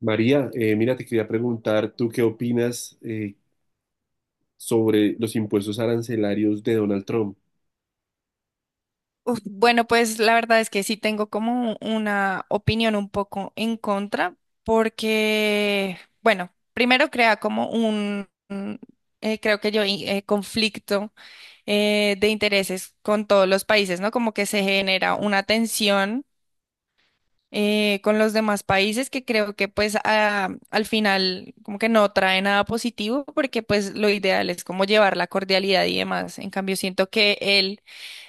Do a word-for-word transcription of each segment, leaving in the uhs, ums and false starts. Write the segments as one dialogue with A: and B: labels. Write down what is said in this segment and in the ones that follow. A: María, eh, mira, te quería preguntar, ¿tú qué opinas eh, sobre los impuestos arancelarios de Donald Trump?
B: Uf, Bueno, pues la verdad es que sí tengo como una opinión un poco en contra, porque, bueno, primero crea como un, un, eh, creo que yo, y- eh, conflicto eh, de intereses con todos los países, ¿no? Como que se genera una tensión eh, con los demás países que creo que pues a- al final como que no trae nada positivo porque pues lo ideal es como llevar la cordialidad y demás. En cambio, siento que él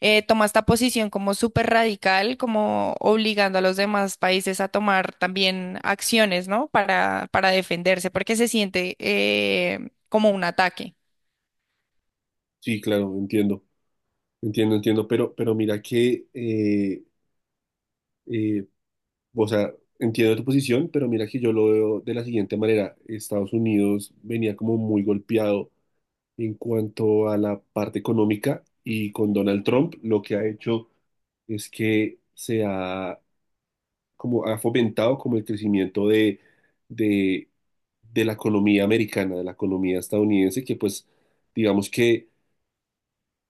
B: eh, toma esta posición como súper radical, como obligando a los demás países a tomar también acciones, ¿no? Para, para defenderse porque se siente eh, como un ataque.
A: Sí, claro, entiendo, entiendo, entiendo, pero, pero mira que, eh, eh, o sea, entiendo tu posición, pero mira que yo lo veo de la siguiente manera. Estados Unidos venía como muy golpeado en cuanto a la parte económica, y con Donald Trump lo que ha hecho es que se ha, como ha fomentado como el crecimiento de, de, de la economía americana, de la economía estadounidense, que pues digamos que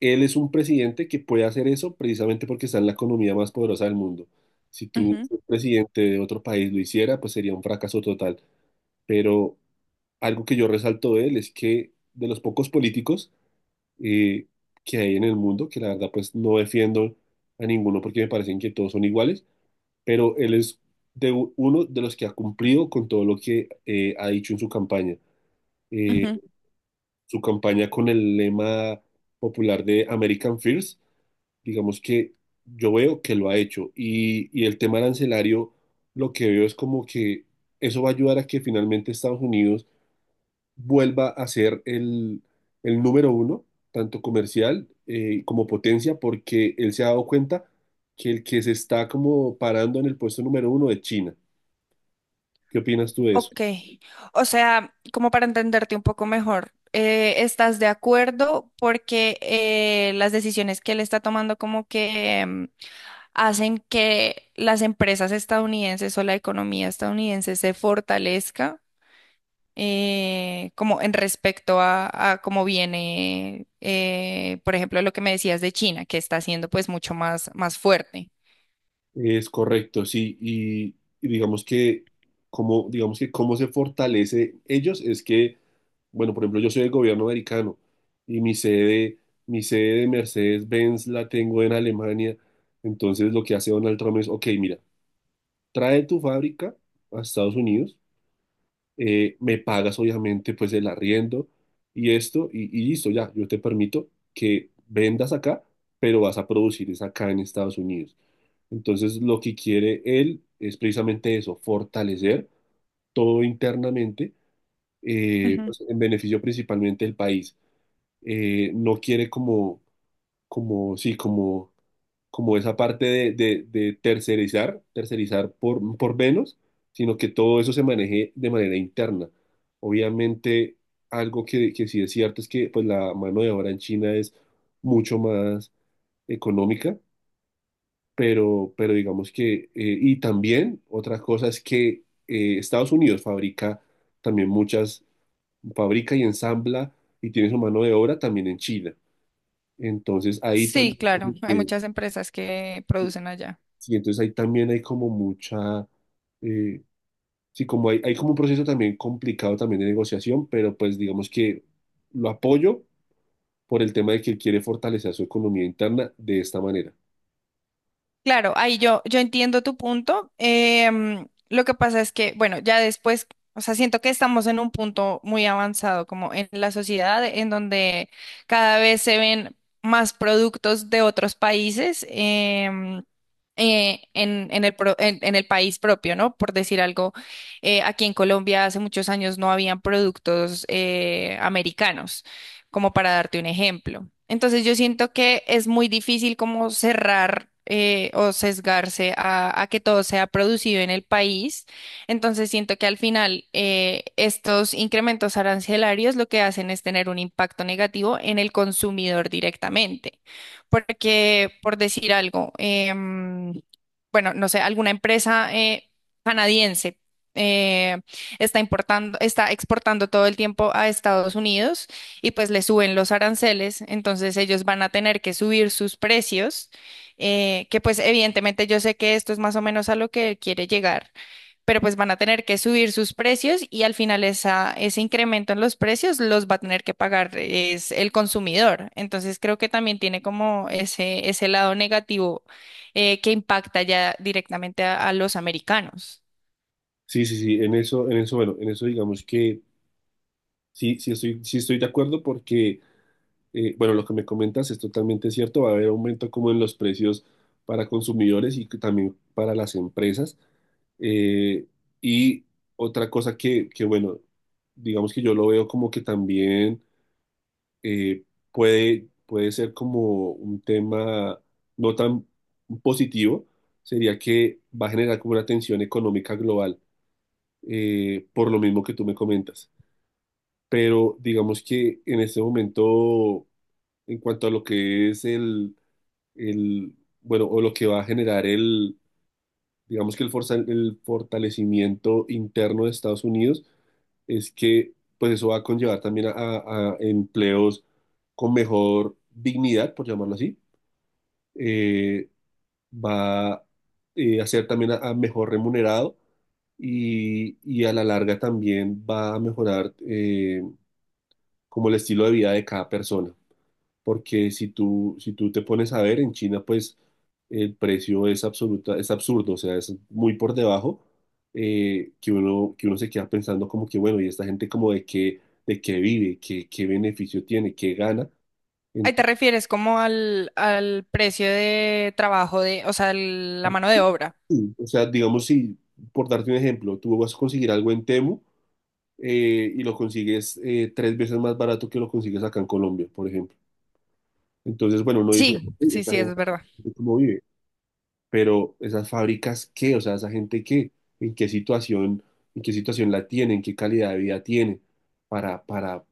A: él es un presidente que puede hacer eso precisamente porque está en la economía más poderosa del mundo. Si tú,
B: Ujú,
A: un presidente de otro país, lo hiciera, pues sería un fracaso total. Pero algo que yo resalto de él es que, de los pocos políticos eh, que hay en el mundo, que la verdad pues no defiendo a ninguno porque me parecen que todos son iguales, pero él es de u- uno de los que ha cumplido con todo lo que eh, ha dicho en su campaña.
B: ujú.
A: Su campaña con el lema popular de American First, digamos que yo veo que lo ha hecho. Y, y el tema arancelario, lo que veo es como que eso va a ayudar a que finalmente Estados Unidos vuelva a ser el, el número uno, tanto comercial eh, como potencia, porque él se ha dado cuenta que el que se está como parando en el puesto número uno es China. ¿Qué opinas tú de eso?
B: Ok, o sea, como para entenderte un poco mejor, eh, estás de acuerdo porque eh, las decisiones que él está tomando como que em, hacen que las empresas estadounidenses o la economía estadounidense se fortalezca eh, como en respecto a, a cómo viene, eh, por ejemplo, lo que me decías de China, que está siendo pues mucho más, más fuerte?
A: Es correcto, sí, y, y digamos que, como digamos que cómo se fortalece ellos es que, bueno, por ejemplo, yo soy del gobierno americano y mi sede, mi sede de Mercedes-Benz la tengo en Alemania, entonces lo que hace Donald Trump es, ok, mira, trae tu fábrica a Estados Unidos, eh, me pagas obviamente pues el arriendo y esto, y, y listo, ya, yo te permito que vendas acá, pero vas a producir es acá en Estados Unidos. Entonces, lo que quiere él es precisamente eso, fortalecer todo internamente, eh,
B: Ujú.
A: pues, en beneficio principalmente del país. Eh, no quiere como, como, sí, como, como esa parte de, de- de tercerizar, tercerizar por, por menos, sino que todo eso se maneje de manera interna. Obviamente, algo que, que sí es cierto es que, pues, la mano de obra en China es mucho más económica, pero, pero digamos que, eh, y también otra cosa es que, eh, Estados Unidos fabrica también muchas, fabrica y ensambla y tiene su mano de obra también en China. Entonces ahí
B: Sí,
A: también,
B: claro,
A: como
B: hay
A: que-
B: muchas empresas que producen allá.
A: sí, entonces ahí también hay como mucha, eh, sí, como hay, hay como un proceso también complicado también de negociación, pero pues digamos que lo apoyo por el tema de que él quiere fortalecer su economía interna de esta manera.
B: Claro, ahí yo, yo entiendo tu punto. Em, lo que pasa es que, bueno, ya después, o sea, siento que estamos en un punto muy avanzado como en la sociedad, en donde cada vez se ven más productos de otros países em, eh, en, en el pro- en- en el país propio, ¿no? Por decir algo, eh, aquí en Colombia hace muchos años no habían productos eh, americanos como para darte un ejemplo. Entonces yo siento que es muy difícil como cerrar eh, o sesgarse a, a que todo sea producido en el país. Entonces siento que al final eh, estos incrementos arancelarios lo que hacen es tener un impacto negativo en el consumidor directamente. Porque, por decir algo, em, bueno, no sé, alguna empresa eh, canadiense eh, está importando, está exportando todo el tiempo a Estados Unidos y pues le suben los aranceles, entonces ellos van a tener que subir sus precios, eh, que pues evidentemente yo sé que esto es más o menos a lo que quiere llegar, pero pues van a tener que subir sus precios y al final esa, ese incremento en los precios los va a tener que pagar es el consumidor. Entonces creo que también tiene como ese, ese lado negativo eh, que impacta ya directamente a a los americanos.
A: Sí, sí, sí, en eso, en eso, bueno, en eso digamos que sí, sí estoy, sí estoy de acuerdo porque, eh, bueno, lo que me comentas es totalmente cierto, va a haber aumento como en los precios para consumidores y que también para las empresas. Eh, y otra cosa que, que, bueno, digamos que yo lo veo como que también, eh, puede, puede ser como un tema no tan positivo, sería que va a generar como una tensión económica global, eh, por lo mismo que tú me comentas, pero digamos que en este momento, en cuanto a lo que es el, el, bueno, o lo que va a generar el, digamos que el, forza- el fortalecimiento interno de Estados Unidos, es que pues eso va a conllevar también a, a- a empleos con mejor dignidad, por llamarlo así. Eh, va, eh, a ser también a a mejor remunerado, y, y a la larga también va a mejorar, eh, como el estilo de vida de cada persona. Porque si tú, si tú te pones a ver, en China pues el precio es absoluta, es absurdo, o sea, es muy por debajo, eh, que uno, que uno se queda pensando como que, bueno, y esta gente como de qué, de qué vive, qué, qué beneficio tiene, qué gana.
B: Ahí te
A: Entonces,
B: refieres como al, al precio de trabajo de, o sea, el- la mano de obra.
A: sí, o sea, digamos, si por darte un ejemplo, tú vas a conseguir algo en Temu, eh, y lo consigues eh, tres veces más barato que lo consigues acá en Colombia, por ejemplo. Entonces, bueno, uno dice,
B: Sí,
A: "Ey,
B: sí,
A: esta
B: sí,
A: gente,
B: es verdad.
A: ¿cómo vive? Pero esas fábricas, ¿qué? O sea, esa gente, ¿qué? ¿En qué situación, en qué situación la tiene? ¿En qué calidad de vida tiene, para, para,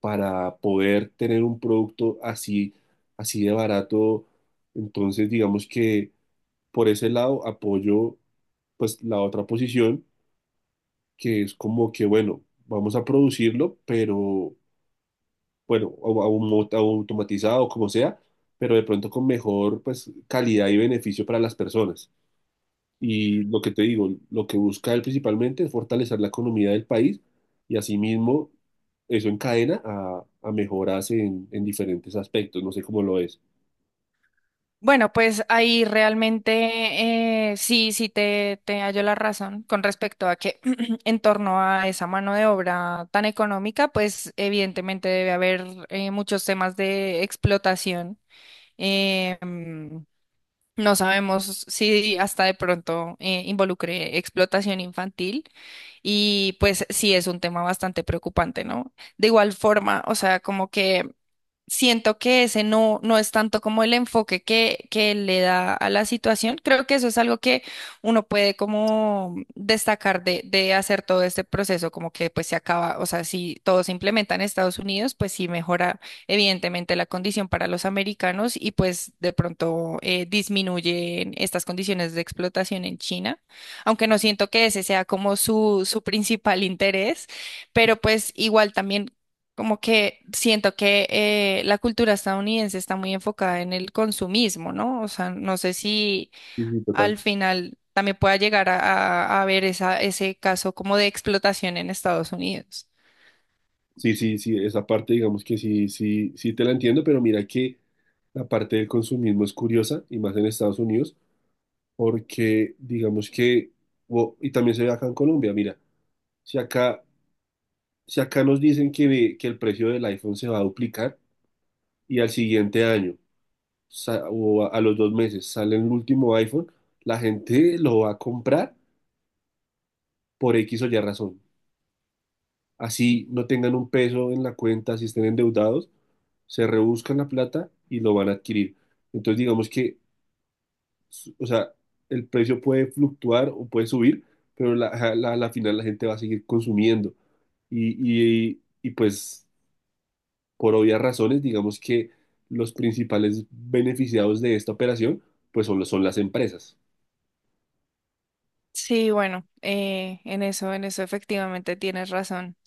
A: para poder tener un producto así, así de barato?" Entonces, digamos que por ese lado apoyo, pues, la otra posición, que es como que, bueno, vamos a producirlo, pero, bueno, au- au- automatizado, como sea, pero de pronto con mejor, pues, calidad y beneficio para las personas. Y lo que te digo, lo que busca él principalmente es fortalecer la economía del país, y asimismo eso encadena a, a mejoras en, en diferentes aspectos, no sé cómo lo es.
B: Bueno, pues ahí realmente eh, sí, sí te, te hallo la razón con respecto a que en torno a esa mano de obra tan económica, pues evidentemente debe haber eh, muchos temas de explotación. Eh, mm, no sabemos si hasta de pronto eh, involucre explotación infantil y pues sí es un tema bastante preocupante, ¿no? De igual forma, o sea, como que siento que ese no, no es tanto como el enfoque que, que le da a la situación. Creo que eso es algo que uno puede como destacar de, de hacer todo este proceso, como que pues se acaba, o sea, si todo se implementa en Estados Unidos, pues sí mejora evidentemente la condición para los americanos y pues de pronto eh, disminuyen estas condiciones de explotación en China, aunque no siento que ese sea como su, su principal interés pero pues igual también como que siento que eh, la cultura estadounidense está muy enfocada en el consumismo, ¿no? O sea, no sé si
A: Sí, sí, total.
B: al final también pueda llegar a, a- a ver esa, ese caso como de explotación en Estados Unidos.
A: Sí, sí, sí, esa parte digamos que sí, sí, sí te la entiendo, pero mira que la parte del consumismo es curiosa, y más en Estados Unidos, porque digamos que, o- y también se ve acá en Colombia. Mira, si acá, si acá nos dicen que, que el precio del iPhone se va a duplicar y al siguiente año. sa- o a, a los dos meses sale el último iPhone, la gente lo va a comprar por X o Y razón. Así no tengan un peso en la cuenta, si estén endeudados, se rebuscan la plata y lo van a adquirir. Entonces digamos que, s- o sea, el precio puede fluctuar o puede subir, pero la, a la, a la final la gente va a seguir consumiendo. Y, y, y pues, por obvias razones, digamos que los principales beneficiados de esta operación, pues son, los- son las empresas.
B: Sí, bueno, eh, en eso, en eso efectivamente tienes razón.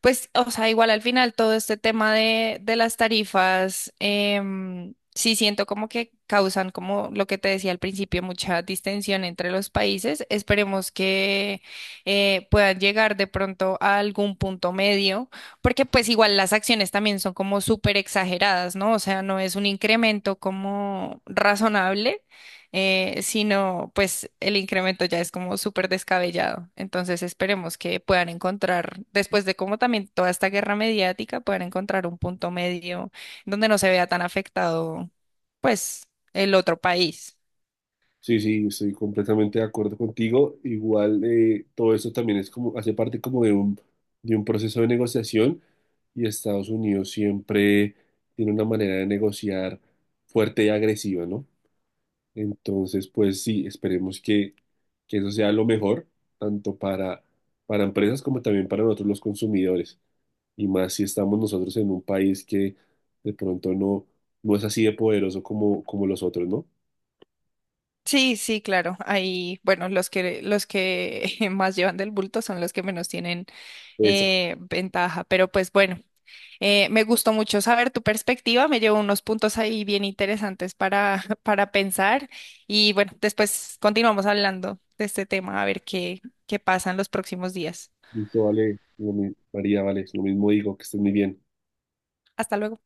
B: Pues, o sea, igual al final todo este tema de, de las tarifas, em, sí siento como que causan, como lo que te decía al principio, mucha distensión entre los países. Esperemos que eh, puedan llegar de pronto a algún punto medio, porque pues igual las acciones también son como súper exageradas, ¿no? O sea, no es un incremento como razonable eh, sino pues el incremento ya es como súper descabellado. Entonces esperemos que puedan encontrar, después de como también toda esta guerra mediática, puedan encontrar un punto medio donde no se vea tan afectado, pues, el otro país.
A: Sí, sí, estoy completamente de acuerdo contigo. Igual, eh, todo eso también es, como, hace parte como de un, de un proceso de negociación, y Estados Unidos siempre tiene una manera de negociar fuerte y agresiva, ¿no? Entonces, pues sí, esperemos que, que eso sea lo mejor, tanto para, para empresas como también para nosotros los consumidores. Y más si estamos nosotros en un país que de pronto no, no es así de poderoso, como, como los otros, ¿no?
B: Sí, sí, claro. Ahí, bueno, los que los que más llevan del bulto son los que menos tienen eh, ventaja. Pero pues bueno, eh, me gustó mucho saber tu perspectiva. Me llevo unos puntos ahí bien interesantes para para pensar. Y bueno, después continuamos hablando de este tema a ver qué qué pasa en los próximos días.
A: Listo, vale, lo mi- María, vale, lo mismo digo, que estés muy bien.
B: Hasta luego.